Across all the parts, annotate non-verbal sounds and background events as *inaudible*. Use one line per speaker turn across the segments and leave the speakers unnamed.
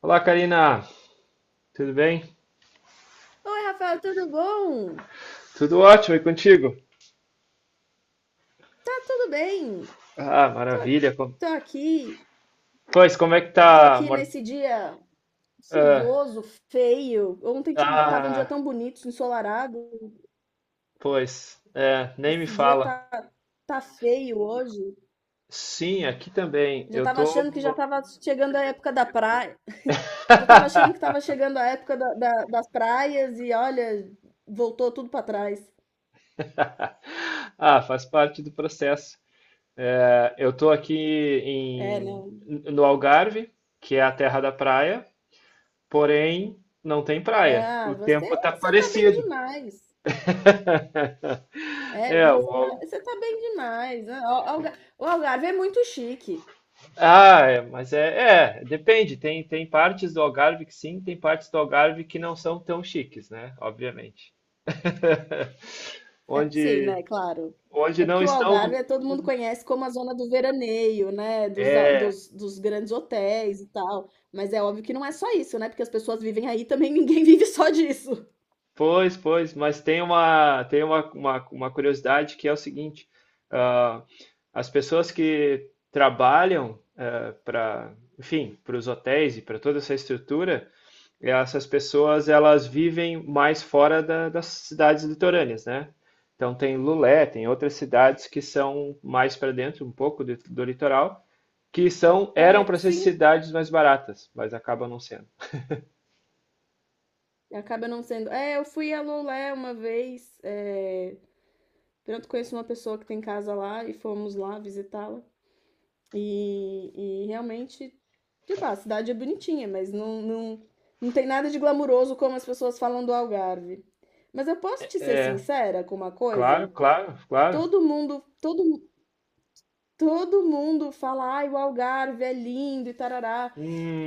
Olá, Karina. Tudo bem?
Oi, Rafael, tudo bom?
Tudo ótimo, e contigo?
Tá tudo bem?
Ah,
Tô,
maravilha.
tô aqui,
Pois, como é que tá,
tô aqui
amor?
nesse dia
Ah,
chuvoso, feio. Ontem tinha, tava um dia
ah,
tão bonito, ensolarado.
pois, é, nem me
Esse dia
fala.
tá, tá feio hoje.
Sim, aqui também.
Já
Eu
tava
tô.
achando que já tava chegando a época da praia. *laughs* Já tava achando que tava chegando a época das praias e olha, voltou tudo pra trás.
Ah, faz parte do processo. É, eu tô aqui
É, não.
no Algarve, que é a terra da praia, porém não tem
É,
praia.
ah,
O
você,
tempo tá
você tá bem
parecido.
demais.
*laughs*
É,
É,
mas você tá
o.
você tá bem demais, né, o Algarve é muito chique.
Ah, é, mas é, depende. Tem partes do Algarve que sim, tem partes do Algarve que não são tão chiques, né? Obviamente. *laughs*
É, sim,
Onde,
né, claro.
onde
É
não
porque o
estão.
Algarve, todo mundo conhece como a zona do veraneio, né, dos a dos dos grandes hotéis e tal, mas é óbvio que não é só isso, né, porque as pessoas vivem aí também ninguém *laughs* vive só disso.
Pois, mas tem uma curiosidade que é o seguinte: ah, as pessoas que trabalham para, enfim, para os hotéis e para toda essa estrutura. E essas pessoas, elas vivem mais fora das cidades litorâneas, né? Então tem Lulé, tem outras cidades que são mais para dentro, um pouco do litoral, que são eram
É,
para ser
sim,
cidades mais baratas, mas acabam não sendo.
acaba não sendo. É, eu fui a Lolé uma vez, pronto, conheço uma pessoa que tem casa lá e fomos lá visitá-la. E realmente, tipo, a cidade é bonitinha, mas não tem nada de glamuroso como as pessoas falam do Algarve. Mas eu posso te ser
É,
sincera com uma
claro,
coisa?
claro, claro.
Todo mundo, todo, todo mundo fala, ai, o Algarve é lindo e tarará.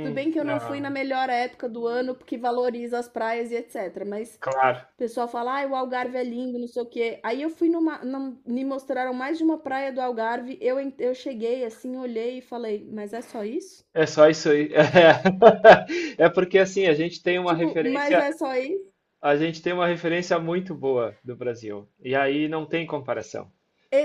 Tudo bem que eu não fui
Não,
na melhor época do ano, porque valoriza as praias e etc. Mas
claro.
o pessoal fala, ai, o Algarve é lindo, não sei o quê. Aí eu fui me mostraram mais de uma praia do Algarve. Eu cheguei assim, olhei e falei, mas é só isso?
É só isso aí. *laughs* É, porque assim,
Tipo, mas é só isso?
a gente tem uma referência muito boa do Brasil. E aí não tem comparação.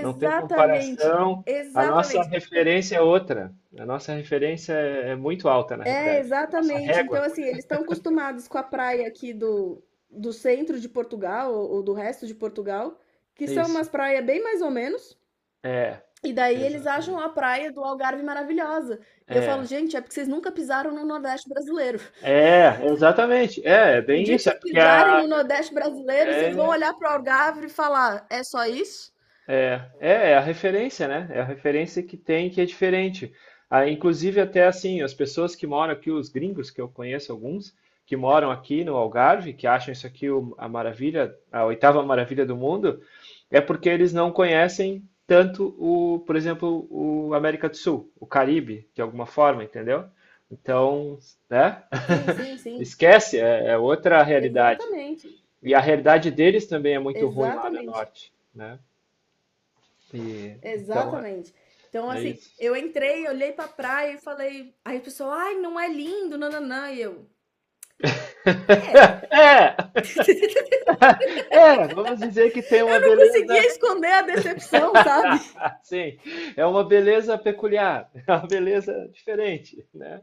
Não tem comparação. A nossa
exatamente.
referência é outra. A nossa referência é muito alta, na
É,
realidade. Nossa
exatamente. Então,
régua.
assim, eles estão acostumados com a praia aqui do centro de Portugal, ou do resto de Portugal, que
É
são
isso.
umas praias bem mais ou menos.
É,
E daí eles acham
exatamente.
a praia do Algarve maravilhosa. E eu falo,
É.
gente, é porque vocês nunca pisaram no Nordeste brasileiro. *laughs*
É, exatamente. É
O
bem
dia que
isso. É
vocês
porque
pisarem
a,
no Nordeste brasileiro, vocês vão
é
olhar para o Algarve e falar, é só isso?
É, é, é a referência, né? É a referência que tem que é diferente. Ah, inclusive, até assim, as pessoas que moram aqui, os gringos, que eu conheço alguns, que moram aqui no Algarve, que acham isso aqui a maravilha, a oitava maravilha do mundo, é porque eles não conhecem tanto o, por exemplo, o América do Sul, o Caribe, de alguma forma, entendeu? Então, né?
Sim, sim,
*laughs*
sim.
Esquece, é outra realidade.
Exatamente,
E a realidade deles também é muito ruim lá no
exatamente.
norte, né? E, então é,
Exatamente. Então,
é
assim,
isso.
eu entrei, olhei pra praia e falei. Aí o pessoal, ai, não é lindo, nananã. E eu, é.
*laughs* É, vamos dizer que tem uma
Eu não conseguia
beleza.
esconder a decepção, sabe?
*laughs* Sim, é uma beleza peculiar, *laughs* é uma beleza diferente, né?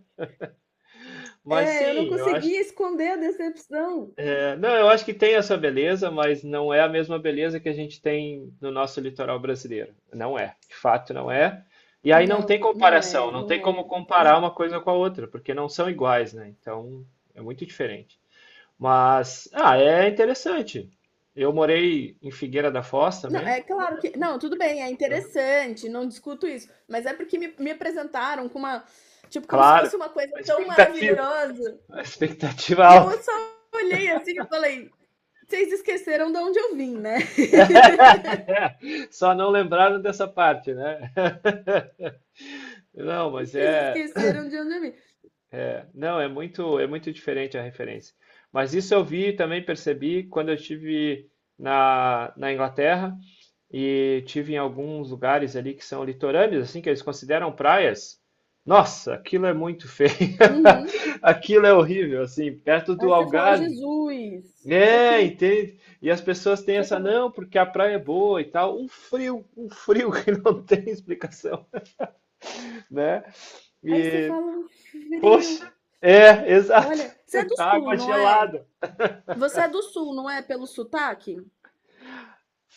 Mas
É, eu não
sim, eu acho,
conseguia esconder a decepção.
é, não, eu acho que tem essa beleza, mas não é a mesma beleza que a gente tem no nosso litoral brasileiro. Não é, de fato não é. E aí não
Não,
tem
não
comparação,
é,
não tem
não
como
é.
comparar
E-
uma coisa com a outra, porque não são iguais, né? Então é muito diferente. Mas, ah, é interessante. Eu morei em Figueira da Foz
não,
também,
é claro que. Não, tudo bem, é
então,
interessante, não discuto isso. Mas é porque me apresentaram com uma. Tipo, como se
claro,
fosse uma coisa
a
tão
expectativa,
maravilhosa.
a expectativa
E eu
alta.
só olhei assim e falei: vocês esqueceram de onde eu vim, né?
*laughs* Só não lembraram dessa parte, né? *laughs* Não,
*laughs*
mas
Vocês
é,
esqueceram de onde eu vim.
não, é muito diferente a referência. Mas isso eu vi e também percebi quando eu estive na Inglaterra. E tive em alguns lugares ali que são litorâneos, assim, que eles consideram praias. Nossa, aquilo é muito feio.
Uhum.
*laughs* Aquilo é horrível, assim, perto
Aí
do
você fala:
Algarve.
"Jesus, isso aqui
É,
não",
entende? E as pessoas têm
você
essa,
fala,
não, porque a praia é boa e tal. Um frio *laughs* que não tem explicação, né?
aí você
E,
fala: "Frio".
poxa, é, exato.
Olha, você é
*laughs*
do sul,
Água
não é?
gelada.
Você é do sul, não é, pelo sotaque?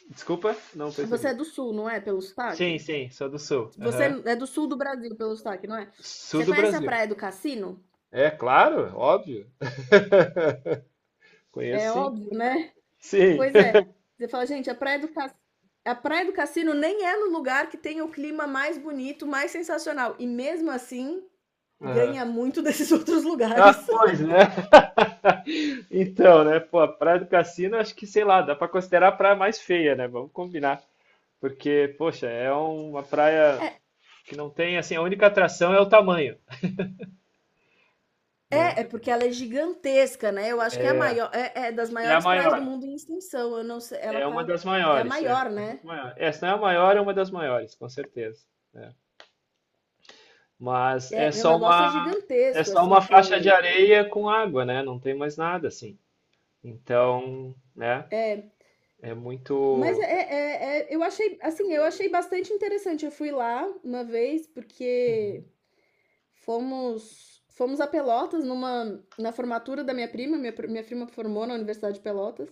Desculpa, não
Você
percebi.
é do sul, não é, pelo
Sim,
sotaque?
sim, sou do sul.
Você
Aham.
é do sul do Brasil pelo sotaque, não é?
Sul
Você
do
conhece a
Brasil.
Praia do Cassino?
É, claro, óbvio. Conheço
É
sim.
óbvio, né?
Sim.
Pois é. Você fala: "Gente, a Praia do Cassino nem é no lugar que tem o clima mais bonito, mais sensacional, e mesmo assim
*laughs* Aham.
ganha muito desses *laughs* outros
Ah,
lugares".
pois, né? *laughs* Então, né? Pô, a Praia do Cassino, acho que, sei lá, dá pra considerar a praia mais feia, né? Vamos combinar. Porque, poxa, é uma praia
É
que não tem, assim, a única atração é o tamanho, né?
É, é porque ela é gigantesca, né, eu acho que é a
É,
maior, das
é, a
maiores praias
maior.
do mundo em extensão, eu não sei ela
É
tá,
uma das
é a
maiores. É
maior,
uma das
né.
maiores. Essa não é a maior, é uma das maiores, com certeza. Né? Mas é
É, o
só
negócio é
uma, é
gigantesco,
só uma
assim,
faixa de
você
areia com água, né? Não tem mais nada, assim. Então, né?
é,
É
mas é
muito.
é é eu achei, assim, eu achei bastante interessante, eu fui lá uma vez,
É, uhum.
porque fomos a Pelotas numa na formatura da minha prima, minha prima formou na Universidade de Pelotas.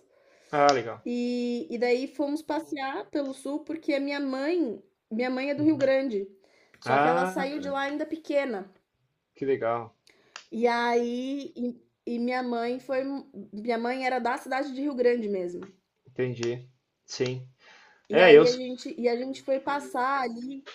Ah, legal.
E daí fomos passear pelo sul porque minha mãe é do Rio
Uhum.
Grande, só que ela
Ah,
saiu de lá ainda pequena.
que legal.
E aí, e minha mãe foi, minha mãe era da cidade de Rio Grande mesmo.
Entendi. Sim.
E
É, eu
aí a gente, e a gente foi passar ali.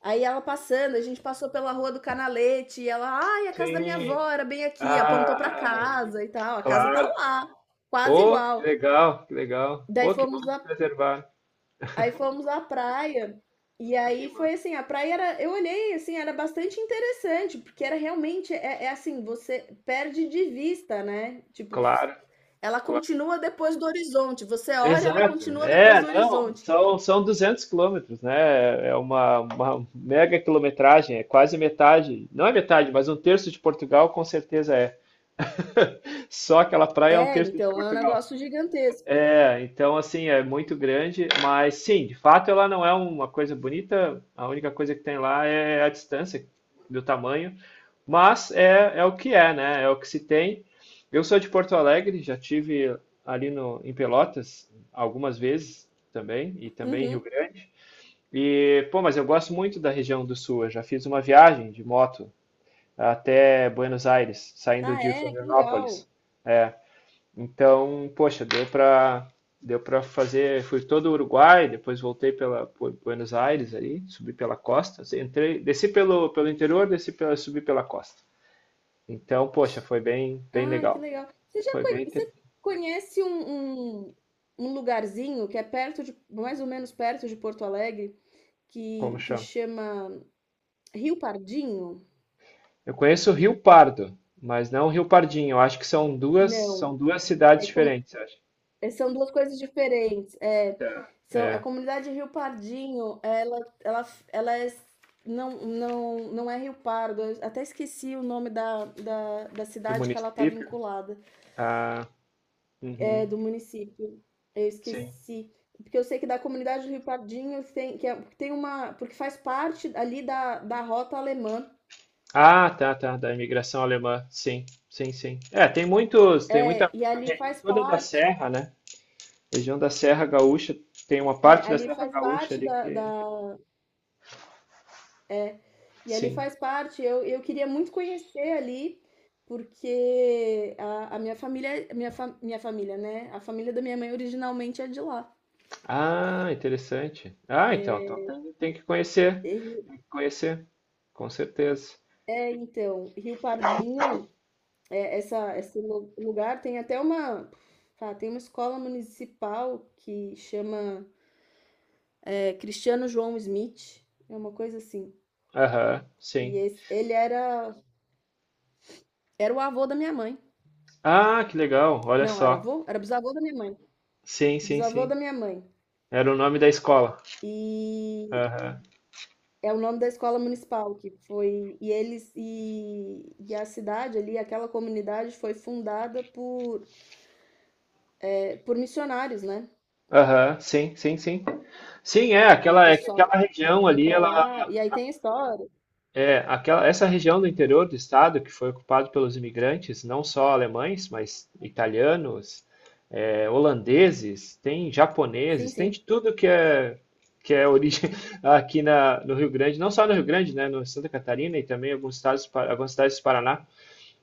Aí ela passando, a gente passou pela rua do Canalete, e ela, ai, a casa da minha
sim.
avó era bem aqui, apontou pra
Ah,
casa e tal, a casa tá
claro.
lá, quase
Pô, que
igual.
legal, que legal.
Daí
Pô, que bom
fomos
que preservar.
Aí fomos à praia. E
Que
aí foi
massa.
assim, a praia era, eu olhei assim, era bastante interessante, porque era realmente, é assim, você perde de vista, né? Tipo,
Claro,
ela
claro.
continua depois do horizonte. Você olha, ela
Exato.
continua depois
É,
do
não,
horizonte.
são 200 quilômetros, né? É uma mega quilometragem, é quase metade. Não é metade, mas um terço de Portugal com certeza é. *laughs* Só aquela praia é um
É,
terço de
então, é um
Portugal.
negócio gigantesco.
É, então assim, é muito grande, mas sim, de fato ela não é uma coisa bonita, a única coisa que tem lá é a distância do tamanho, mas é o que é, né? É o que se tem. Eu sou de Porto Alegre, já tive ali no, em Pelotas algumas vezes também, e também em Rio
Uhum.
Grande. E, pô, mas eu gosto muito da região do sul. Eu já fiz uma viagem de moto até Buenos Aires, saindo
Ah,
de
é? Que legal.
Florianópolis. É, então, poxa, deu para fazer, fui todo o Uruguai, depois voltei pela por Buenos Aires ali, subi pela costa, entrei, desci pelo interior, subi pela costa. Então, poxa, foi bem
Ah, que
legal.
legal.
Foi bem,
Você conhece um lugarzinho que é perto de, mais ou menos perto de Porto Alegre,
como
que
chama?
chama Rio Pardinho?
Eu conheço o Rio Pardo, mas não o Rio Pardinho. Eu acho que são duas
Não,
são duas cidades
é
diferentes, eu acho.
são 2 coisas diferentes. É,
Tá.
são a
É,
comunidade Rio Pardinho, ela ela ela é não é Rio Pardo, eu até esqueci o nome da
do
cidade que ela está
município.
vinculada,
Ah,
é
uhum.
do município. Eu esqueci, porque eu sei que da comunidade Rio Pardinho tem, que é, tem uma, porque faz parte ali da da Rota Alemã.
Ah, tá, tá, da imigração alemã. Sim, sim, sim. É, tem
É,
muita
e
a
ali
região
faz
toda da
parte,
Serra, né? Região da Serra Gaúcha, tem uma
é,
parte da
ali
Serra
faz
Gaúcha
parte
ali
da
que,
da é, e ele
sim.
faz parte. Eu queria muito conhecer ali, porque a minha família, minha família, né? A família da minha mãe originalmente é de lá.
Ah, interessante. Ah, então tem, que conhecer,
E-
tem que conhecer, com certeza.
é, então, Rio Pardinho, é, lugar tem até uma, tá, tem uma escola municipal que chama, é, Cristiano João Smith, é uma coisa assim.
Aham,
E
sim.
esse- ele era, era o avô da minha mãe.
Ah, que legal, olha
Não, era
só.
avô? Era bisavô da minha mãe.
Sim, sim,
Bisavô
sim.
da minha mãe.
Era o nome da escola.
E
Aham.
É o nome da escola municipal que foi, e eles, e a cidade ali, aquela comunidade foi fundada por, é, por missionários, né?
Aham, sim, sim, sim. Sim, é,
Aí o
é que
pessoal
aquela região
foi
ali,
pra
ela.
lá e aí tem a história.
É, essa região do interior do estado que foi ocupada pelos imigrantes, não só alemães, mas italianos, holandeses, tem
Sim,
japoneses, tem
sim.
de tudo que é origem *laughs* aqui no Rio Grande, não só no Rio Grande, né, no Santa Catarina e também alguns estados, algumas cidades do Paraná.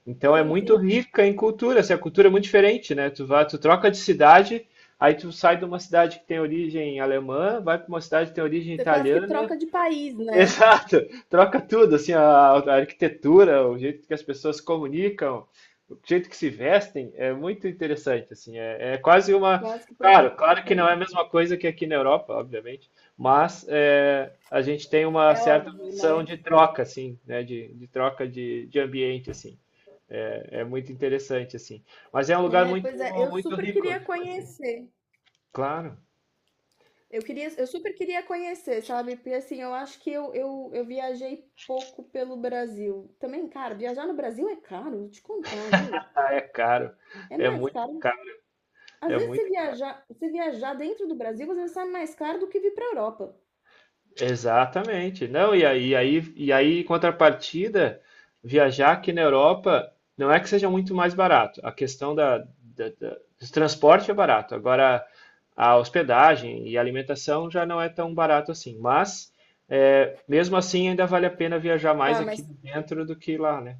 Então é
Sim,
muito
sim.
rica em cultura, assim, a cultura é muito diferente, né? Tu vai, tu troca de cidade, aí tu sai de uma cidade que tem origem alemã, vai para uma cidade que tem origem
Você quase que
italiana.
troca de país,
*laughs*
né?
Exato, troca tudo, assim, a arquitetura, o jeito que as pessoas se comunicam, o jeito que se vestem, é muito interessante, assim, é quase uma,
Quase que troca
claro,
de
claro que não
país.
é a mesma coisa que aqui na Europa, obviamente, mas é, a gente tem uma
É
certa
óbvio,
noção
né?
de troca, assim, né, de troca de ambiente, assim, é muito interessante, assim, mas é um lugar
É,
muito,
pois é, eu
muito
super
rico,
queria
tipo assim,
conhecer.
claro,
Eu queria, eu super queria conhecer, sabe? Porque assim, eu acho que eu viajei pouco pelo Brasil. Também, cara, viajar no Brasil é caro, vou te contar, viu?
ah, é
É mais caro.
caro,
Às
é
vezes,
muito
se viajar dentro do Brasil, às vezes sai mais caro do que vir pra Europa.
Exatamente. Não, e aí, em contrapartida, viajar aqui na Europa não é que seja muito mais barato. A questão do transporte é barato. Agora, a hospedagem e a alimentação já não é tão barato assim. Mas, é, mesmo assim, ainda vale a pena viajar mais
Pá,
aqui
mas,
dentro do que lá, né?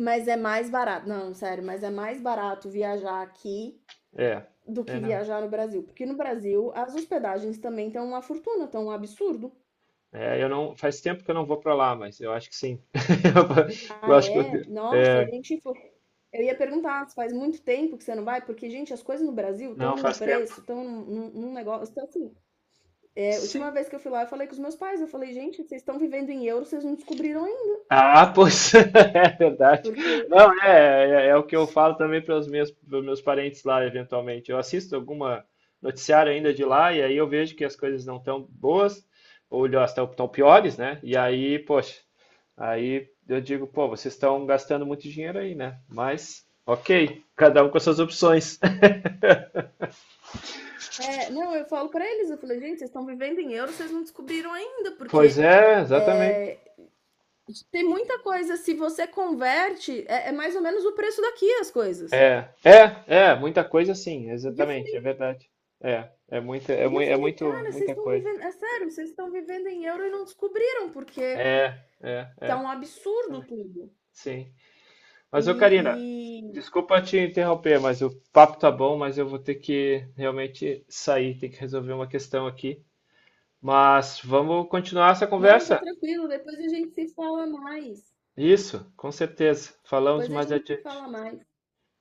mas é mais barato. Não, sério, mas é mais barato viajar aqui
É,
do
é,
que
não.
viajar no Brasil. Porque no Brasil, as hospedagens também estão uma fortuna, estão um absurdo.
É, eu não, faz tempo que eu não vou para lá, mas eu acho que sim. *laughs* Eu
Ah,
acho que eu,
é? Nossa, a
é,
gente foi Eu ia perguntar se faz muito tempo que você não vai, porque, gente, as coisas no Brasil estão
não,
num
faz tempo.
preço, num negócio. Então, assim, é, a última
Sim.
vez que eu fui lá, eu falei com os meus pais, eu falei, gente, vocês estão vivendo em euro, vocês não descobriram ainda.
Ah, pois *laughs* é verdade.
Porque,
Não, é o que eu falo também pros meus parentes lá, eventualmente. Eu assisto alguma noticiário ainda de lá e aí eu vejo que as coisas não estão boas, ou estão piores, né? E aí, poxa, aí eu digo, pô, vocês estão gastando muito dinheiro aí, né? Mas, ok, cada um com as suas opções. *laughs*
é, não, eu falo pra eles, eu falei, gente, vocês estão vivendo em euro, vocês não descobriram ainda,
Pois
porque
é, exatamente.
é, tem muita coisa, se você converte, é mais ou menos o preço daqui as coisas.
É, muita coisa sim,
E eu
exatamente, é
falei,
verdade. É, é muita, é,
e eu
mui- é
falei,
muito,
cara, vocês
muita
estão
coisa.
vivendo, é sério, vocês estão vivendo em euro e não descobriram, porque
É, é,
tá
é,
um absurdo
também.
tudo.
Sim.
E,
Mas ô Karina,
e-
desculpa te interromper, mas o papo tá bom, mas eu vou ter que realmente sair, tem que resolver uma questão aqui. Mas vamos continuar essa
Não, tá
conversa?
tranquilo, depois a gente se fala mais.
Isso, com certeza. Falamos
Depois a
mais
gente se
adiante.
fala mais.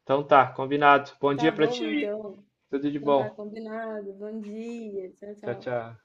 Então tá, combinado. Bom
Tá
dia pra ti
bom,
aí.
então.
Tudo de
Então tá
bom.
combinado. Bom dia. Tchau,
Tchau,
tchau.
tchau.